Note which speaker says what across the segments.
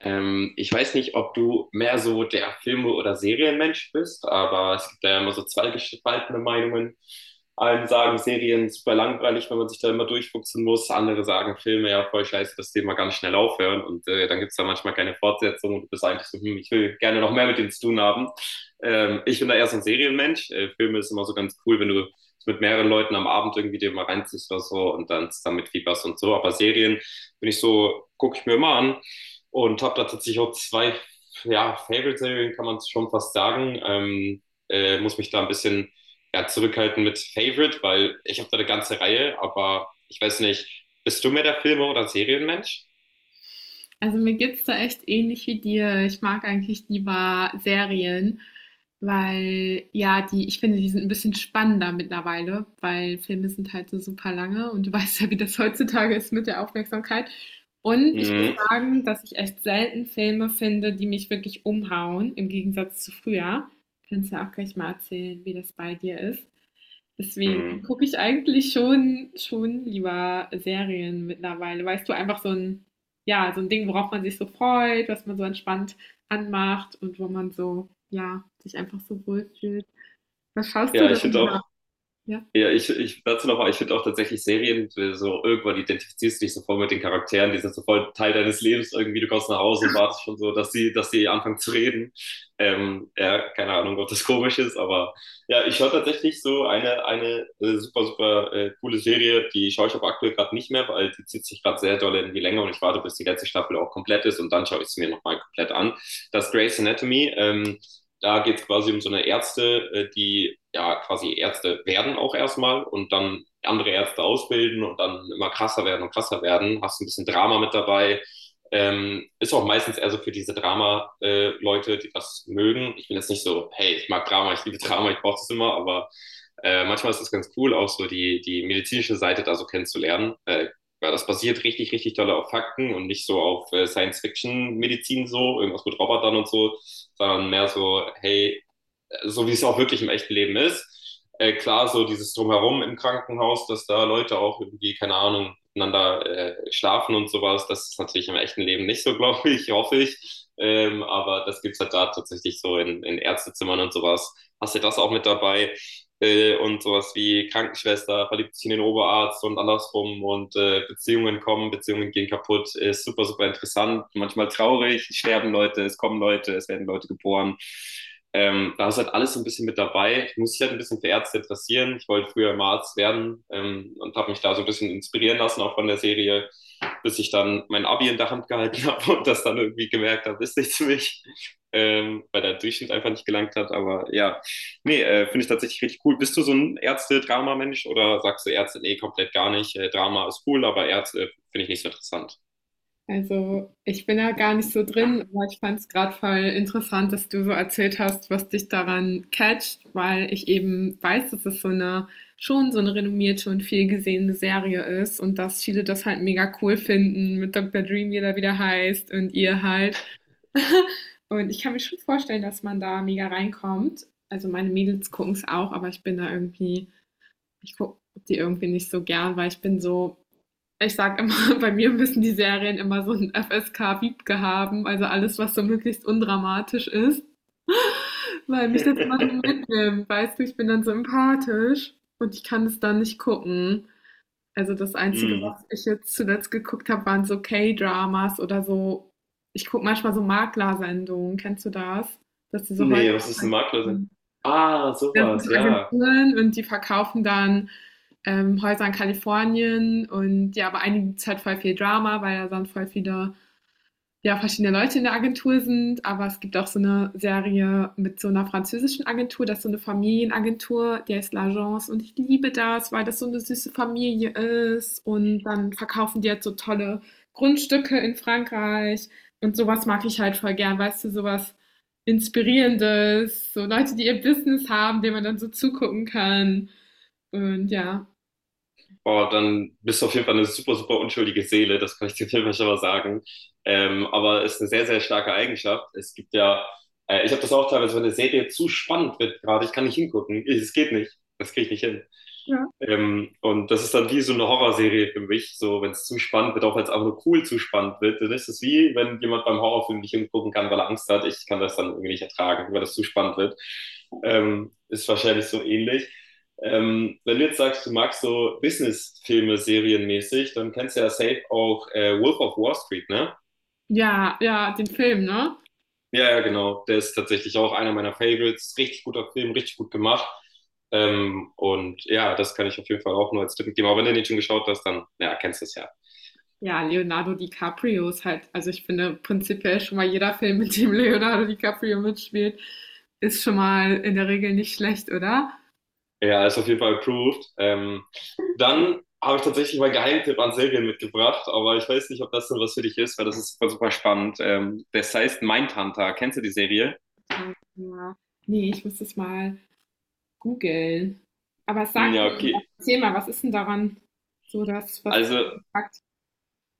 Speaker 1: Ich weiß nicht, ob du mehr so der Filme- oder Serienmensch bist, aber es gibt da ja immer so zwei gespaltene Meinungen. Einen sagen Serien super langweilig, wenn man sich da immer durchfuchsen muss. Andere sagen Filme ja voll scheiße, das Thema ganz schnell aufhören. Und dann gibt es da manchmal keine Fortsetzung und du bist eigentlich so, hm, ich will gerne noch mehr mit denen zu tun haben. Ich bin da eher so ein Serienmensch. Filme ist immer so ganz cool, wenn du es mit mehreren Leuten am Abend irgendwie dir mal reinziehst oder so und dann zusammen mitfieberst und so. Aber Serien bin ich so, gucke ich mir immer an. Und habe da tatsächlich auch zwei ja, Favorite-Serien, kann man schon fast sagen. Muss mich da ein bisschen ja, zurückhalten mit Favorite, weil ich habe da eine ganze Reihe, aber ich weiß nicht, bist du mehr der Filme- oder Serienmensch?
Speaker 2: Also mir geht's da echt ähnlich wie dir. Ich mag eigentlich lieber Serien, weil ja, die, ich finde, die sind ein bisschen spannender mittlerweile, weil Filme sind halt so super lange und du weißt ja, wie das heutzutage ist mit der Aufmerksamkeit. Und ich muss
Speaker 1: Mhm.
Speaker 2: sagen, dass ich echt selten Filme finde, die mich wirklich umhauen, im Gegensatz zu früher. Kannst du ja auch gleich mal erzählen, wie das bei dir ist.
Speaker 1: Mhm.
Speaker 2: Deswegen gucke ich eigentlich schon lieber Serien mittlerweile. Weißt du, einfach so ein, ja, so ein Ding, worauf man sich so freut, was man so entspannt anmacht und wo man so, ja, sich einfach so wohlfühlt. Was schaust du
Speaker 1: Ja, ich finde
Speaker 2: denn da?
Speaker 1: auch.
Speaker 2: Ja.
Speaker 1: Ja, ich dazu nochmal, ich finde auch tatsächlich Serien, so irgendwann identifizierst du dich sofort mit den Charakteren, die sind sofort Teil deines Lebens irgendwie, du kommst nach Hause und wartest schon so, dass sie anfangen zu reden. Ja, keine Ahnung, ob das komisch ist, aber ja, ich schaue tatsächlich so eine super, super coole Serie, die schaue ich aber aktuell gerade nicht mehr, weil die zieht sich gerade sehr doll in die Länge und ich warte, bis die letzte Staffel auch komplett ist und dann schaue ich sie mir nochmal komplett an. Das Grey's Anatomy, da geht es quasi um so eine Ärzte, die ja quasi Ärzte werden auch erstmal und dann andere Ärzte ausbilden und dann immer krasser werden und krasser werden. Hast ein bisschen Drama mit dabei. Ist auch meistens eher so für diese Drama-Leute, die das mögen. Ich bin jetzt nicht so, hey, ich mag Drama, ich liebe Drama, ich brauche das immer, aber manchmal ist es ganz cool, auch so die medizinische Seite da so kennenzulernen. Weil das basiert richtig, richtig doll auf Fakten und nicht so auf Science-Fiction-Medizin so, irgendwas mit Robotern und so, sondern mehr so, hey, so wie es auch wirklich im echten Leben ist. Klar, so dieses Drumherum im Krankenhaus, dass da Leute auch irgendwie, keine Ahnung, miteinander schlafen und sowas, das ist natürlich im echten Leben nicht so, glaube ich, hoffe ich. Aber das gibt's halt da tatsächlich so in Ärztezimmern und sowas. Hast du das auch mit dabei? Und sowas wie Krankenschwester verliebt sich in den Oberarzt und andersrum und Beziehungen kommen, Beziehungen gehen kaputt, ist super, super interessant, manchmal traurig, es sterben Leute, es kommen Leute, es werden Leute geboren. Da ist halt alles so ein bisschen mit dabei. Ich muss mich halt ein bisschen für Ärzte interessieren. Ich wollte früher immer Arzt werden und habe mich da so ein bisschen inspirieren lassen, auch von der Serie, bis ich dann mein Abi in der Hand gehalten habe und das dann irgendwie gemerkt habe, ist nichts für mich, weil der Durchschnitt einfach nicht gelangt hat. Aber ja, nee, finde ich tatsächlich richtig cool. Bist du so ein Ärzte-Drama-Mensch oder sagst du Ärzte, nee, komplett gar nicht? Drama ist cool, aber Ärzte finde ich nicht so interessant.
Speaker 2: Also, ich bin da gar nicht so drin, aber ich fand es gerade voll interessant, dass du so erzählt hast, was dich daran catcht, weil ich eben weiß, dass es so eine, schon so eine renommierte und viel gesehene Serie ist und dass viele das halt mega cool finden mit Dr. Dream, wie er wieder heißt und ihr halt. Und ich kann mir schon vorstellen, dass man da mega reinkommt. Also meine Mädels gucken es auch, aber ich bin da irgendwie, ich gucke die irgendwie nicht so gern, weil ich bin so, ich sage immer, bei mir müssen die Serien immer so 'n FSK-Wiebke haben, also alles, was so möglichst undramatisch ist, weil mich das immer so mitnimmt, weißt du? Ich bin dann so empathisch und ich kann es dann nicht gucken. Also, das Einzige,
Speaker 1: Mm.
Speaker 2: was ich jetzt zuletzt geguckt habe, waren so K-Dramas oder so. Ich gucke manchmal so Maklersendungen. Kennst du das? Dass diese Häuser,
Speaker 1: Nee, was ist ein Maklerin? Ah,
Speaker 2: das sind
Speaker 1: sowas,
Speaker 2: so
Speaker 1: ja.
Speaker 2: Agenturen und die verkaufen dann, Häuser in Kalifornien, und ja, bei einigen gibt's halt voll viel Drama, weil da dann voll viele, ja, verschiedene Leute in der Agentur sind. Aber es gibt auch so eine Serie mit so einer französischen Agentur, das ist so eine Familienagentur, die heißt L'Agence, und ich liebe das, weil das so eine süße Familie ist und dann verkaufen die jetzt so tolle Grundstücke in Frankreich. Und sowas mag ich halt voll gern, weißt du, sowas Inspirierendes, so Leute, die ihr Business haben, denen man dann so zugucken kann, und ja.
Speaker 1: Oh, dann bist du auf jeden Fall eine super, super unschuldige Seele, das kann ich dir auf jeden Fall schon mal sagen. Aber ist eine sehr, sehr starke Eigenschaft. Es gibt ja, ich habe das auch teilweise, wenn eine Serie zu spannend wird gerade, ich kann nicht hingucken. Ich- Es geht nicht. Das kriege ich nicht hin.
Speaker 2: Ja,
Speaker 1: Und das ist dann wie so eine Horrorserie für mich. So, wenn es zu spannend wird, auch wenn es einfach nur cool zu spannend wird, dann ist es wie, wenn jemand beim Horrorfilm nicht hingucken kann, weil er Angst hat. Ich kann das dann irgendwie nicht ertragen, weil das zu spannend wird. Ist wahrscheinlich so ähnlich. Wenn du jetzt sagst, du magst so Business-Filme serienmäßig, dann kennst du ja safe auch Wolf of Wall Street, ne?
Speaker 2: ja, ja, den Film, ne?
Speaker 1: Ja, ja, genau. Der ist tatsächlich auch einer meiner Favorites. Richtig guter Film, richtig gut gemacht. Und ja, das kann ich auf jeden Fall auch nur als Tipp geben. Aber wenn du den schon geschaut hast, dann ja, kennst du es ja.
Speaker 2: Ja, Leonardo DiCaprio ist halt, also ich finde prinzipiell schon mal, jeder Film, mit dem Leonardo DiCaprio mitspielt, ist schon mal in der Regel nicht schlecht, oder?
Speaker 1: Ja, ist auf jeden Fall approved. Dann habe ich tatsächlich meinen Geheimtipp an Serien mitgebracht, aber ich weiß nicht, ob das denn was für dich ist, weil das ist super, super spannend. Das heißt Mindhunter. Kennst du die Serie?
Speaker 2: Warte mal. Nee, ich muss das mal googeln. Aber sag
Speaker 1: Ja,
Speaker 2: mir irgendwas.
Speaker 1: okay.
Speaker 2: Erzähl mal, was ist denn daran so das, was du
Speaker 1: Also
Speaker 2: gesagt hast?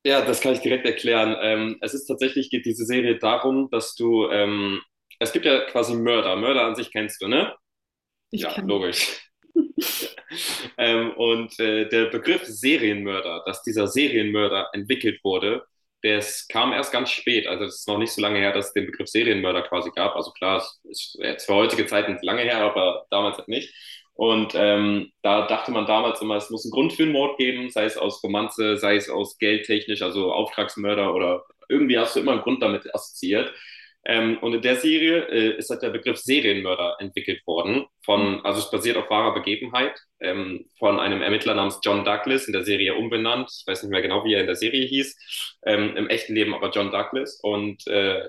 Speaker 1: ja, das kann ich direkt erklären. Es ist tatsächlich, geht diese Serie darum, dass du, es gibt ja quasi Mörder. Mörder an sich kennst du, ne?
Speaker 2: Ich
Speaker 1: Ja,
Speaker 2: kann,
Speaker 1: logisch. Der Begriff Serienmörder, dass dieser Serienmörder entwickelt wurde, das kam erst ganz spät. Also es ist noch nicht so lange her, dass es den Begriff Serienmörder quasi gab. Also klar, es ist jetzt für heutige Zeiten lange her, aber damals halt nicht. Und da dachte man damals immer, es muss einen Grund für einen Mord geben, sei es aus Romanze, sei es aus geldtechnisch, also Auftragsmörder oder irgendwie hast du immer einen Grund damit assoziiert. Und in der Serie ist halt der Begriff Serienmörder entwickelt worden. Von, also es basiert auf wahrer Begebenheit von einem Ermittler namens John Douglas in der Serie umbenannt. Ich weiß nicht mehr genau, wie er in der Serie hieß. Im echten Leben aber John Douglas. Und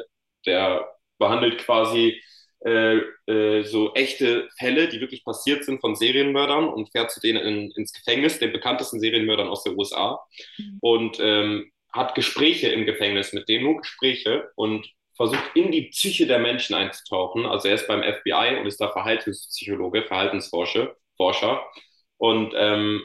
Speaker 1: der behandelt quasi äh, so echte Fälle, die wirklich passiert sind von Serienmördern und fährt zu denen ins Gefängnis, den bekanntesten Serienmördern aus den USA. Und hat Gespräche im Gefängnis mit denen, nur Gespräche und versucht in die Psyche der Menschen einzutauchen. Also er ist beim FBI und ist da Verhaltenspsychologe, Verhaltensforscher. Forscher und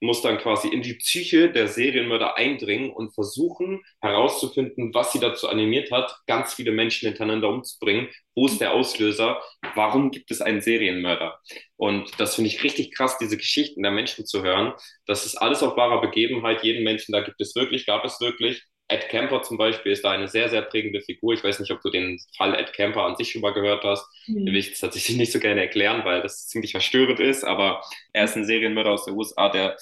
Speaker 1: muss dann quasi in die Psyche der Serienmörder eindringen und versuchen herauszufinden, was sie dazu animiert hat, ganz viele Menschen hintereinander umzubringen. Wo ist der Auslöser? Warum gibt es einen Serienmörder? Und das finde ich richtig krass, diese Geschichten der Menschen zu hören. Das ist alles auf wahrer Begebenheit. Jeden Menschen, da gibt es wirklich, gab es wirklich. Ed Kemper zum Beispiel ist da eine sehr, sehr prägende Figur. Ich weiß nicht, ob du den Fall Ed Kemper an sich schon mal gehört hast. Den will
Speaker 2: nee.
Speaker 1: ich tatsächlich nicht so gerne erklären, weil das ziemlich verstörend ist, aber er ist ein Serienmörder aus der USA, der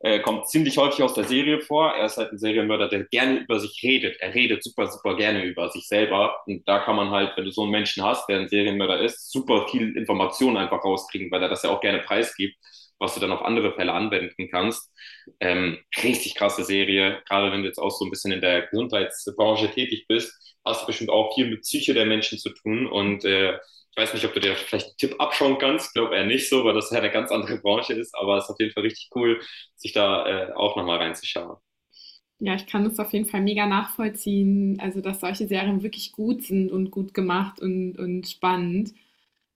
Speaker 1: kommt ziemlich häufig aus der Serie vor. Er ist halt ein Serienmörder, der gerne über sich redet. Er redet super, super gerne über sich selber. Und da kann man halt, wenn du so einen Menschen hast, der ein Serienmörder ist, super viel Informationen einfach rauskriegen, weil er das ja auch gerne preisgibt, was du dann auf andere Fälle anwenden kannst. Richtig krasse Serie, gerade wenn du jetzt auch so ein bisschen in der Gesundheitsbranche tätig bist, hast du bestimmt auch viel mit Psyche der Menschen zu tun und ich weiß nicht, ob du dir vielleicht einen Tipp abschauen kannst, glaube eher nicht so, weil das ja eine ganz andere Branche ist, aber es ist auf jeden Fall richtig cool, sich da auch nochmal reinzuschauen.
Speaker 2: Ja, ich kann das auf jeden Fall mega nachvollziehen, also dass solche Serien wirklich gut sind und gut gemacht und spannend.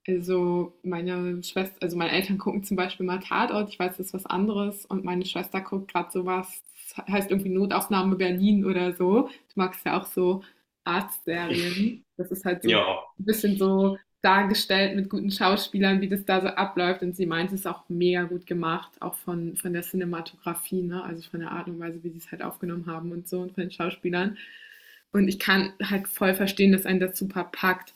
Speaker 2: Also, meine Schwester, also, meine Eltern gucken zum Beispiel mal Tatort, ich weiß, das ist was anderes, und meine Schwester guckt gerade so was, das heißt irgendwie Notaufnahme Berlin oder so. Du magst ja auch so Arztserien. Das ist halt so ein
Speaker 1: Ja,
Speaker 2: bisschen so dargestellt mit guten Schauspielern, wie das da so abläuft, und sie meint, es ist auch mega gut gemacht, auch von der Cinematografie, ne, also von der Art und Weise, wie sie es halt aufgenommen haben und so, und von den Schauspielern. Und ich kann halt voll verstehen, dass einen das super packt.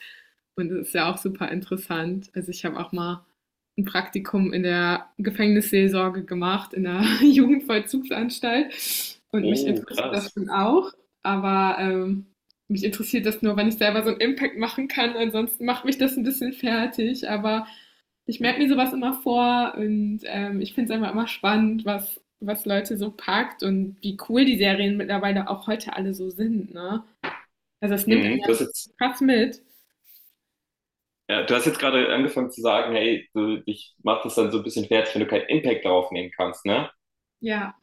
Speaker 2: Und das ist ja auch super interessant. Also ich habe auch mal ein Praktikum in der Gefängnisseelsorge gemacht, in der Jugendvollzugsanstalt. Und mich
Speaker 1: oh,
Speaker 2: interessiert das
Speaker 1: krass.
Speaker 2: schon auch. Aber mich interessiert das nur, wenn ich selber so einen Impact machen kann. Ansonsten macht mich das ein bisschen fertig. Aber ich merke mir sowas immer vor, und ich finde es einfach immer spannend, was, was Leute so packt und wie cool die Serien mittlerweile auch heute alle so sind. Ne? Also es nimmt einen
Speaker 1: Mhm. Du
Speaker 2: ja
Speaker 1: hast jetzt,
Speaker 2: krass mit.
Speaker 1: ja, du hast jetzt gerade angefangen zu sagen, hey, du, dich macht das dann so ein bisschen fertig, wenn du keinen Impact darauf nehmen kannst, ne?
Speaker 2: Ja.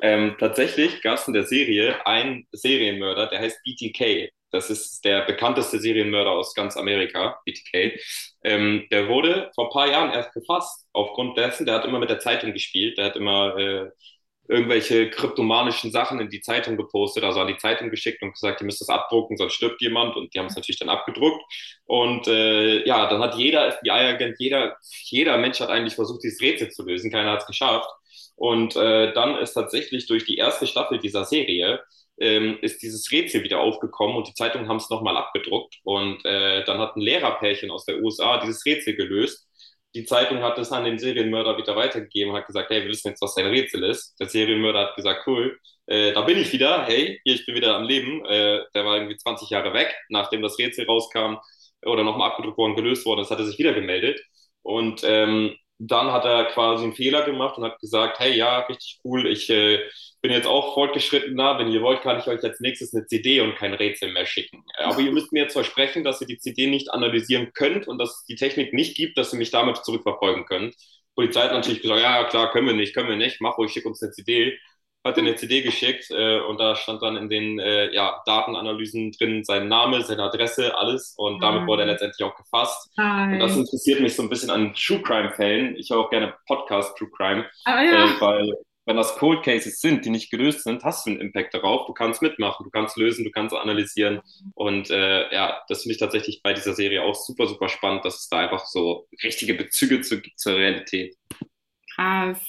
Speaker 1: Tatsächlich gab es in der Serie einen Serienmörder, der heißt BTK. Das ist der bekannteste Serienmörder aus ganz Amerika, BTK. Der wurde vor ein paar Jahren erst gefasst, aufgrund dessen, der hat immer mit der Zeitung gespielt, der hat immer irgendwelche kryptomanischen Sachen in die Zeitung gepostet, also an die Zeitung geschickt und gesagt, ihr müsst das abdrucken, sonst stirbt jemand. Und die haben es natürlich dann abgedruckt. Und ja, dann hat jeder FBI-Agent, jeder, jeder Mensch hat eigentlich versucht, dieses Rätsel zu lösen. Keiner hat es geschafft. Und dann ist tatsächlich durch die erste Staffel dieser Serie ist dieses Rätsel wieder aufgekommen und die Zeitungen haben es nochmal abgedruckt. Und dann hat ein Lehrerpärchen aus der USA dieses Rätsel gelöst. Die Zeitung hat es an den Serienmörder wieder weitergegeben, hat gesagt, hey, wir wissen jetzt, was dein Rätsel ist. Der Serienmörder hat gesagt, cool, da bin ich wieder, hey, hier, ich bin wieder am Leben. Der war irgendwie 20 Jahre weg, nachdem das Rätsel rauskam oder nochmal abgedruckt worden, gelöst worden ist, hat er sich wieder gemeldet. Und dann hat er quasi einen Fehler gemacht und hat gesagt, hey, ja, richtig cool, ich bin jetzt auch fortgeschrittener, wenn ihr wollt, kann ich euch als nächstes eine CD und kein Rätsel mehr schicken. Aber ihr müsst mir jetzt versprechen, dass ihr die CD nicht analysieren könnt und dass es die Technik nicht gibt, dass ihr mich damit zurückverfolgen könnt. Die Polizei hat natürlich gesagt, ja, klar, können wir nicht, mach ruhig, schick uns eine CD. Hat dann eine CD geschickt und da stand dann in den ja, Datenanalysen drin sein Name, seine Adresse, alles und damit wurde er letztendlich auch gefasst und das
Speaker 2: Nein.
Speaker 1: interessiert mich so ein bisschen an True Crime-Fällen. Ich höre auch gerne Podcast True Crime,
Speaker 2: Aber ja,
Speaker 1: weil wenn das Cold Cases sind, die nicht gelöst sind, hast du einen Impact darauf. Du kannst mitmachen, du kannst lösen, du kannst analysieren. Und ja, das finde ich tatsächlich bei dieser Serie auch super, super spannend, dass es da einfach so richtige Bezüge zu, zur Realität
Speaker 2: krass.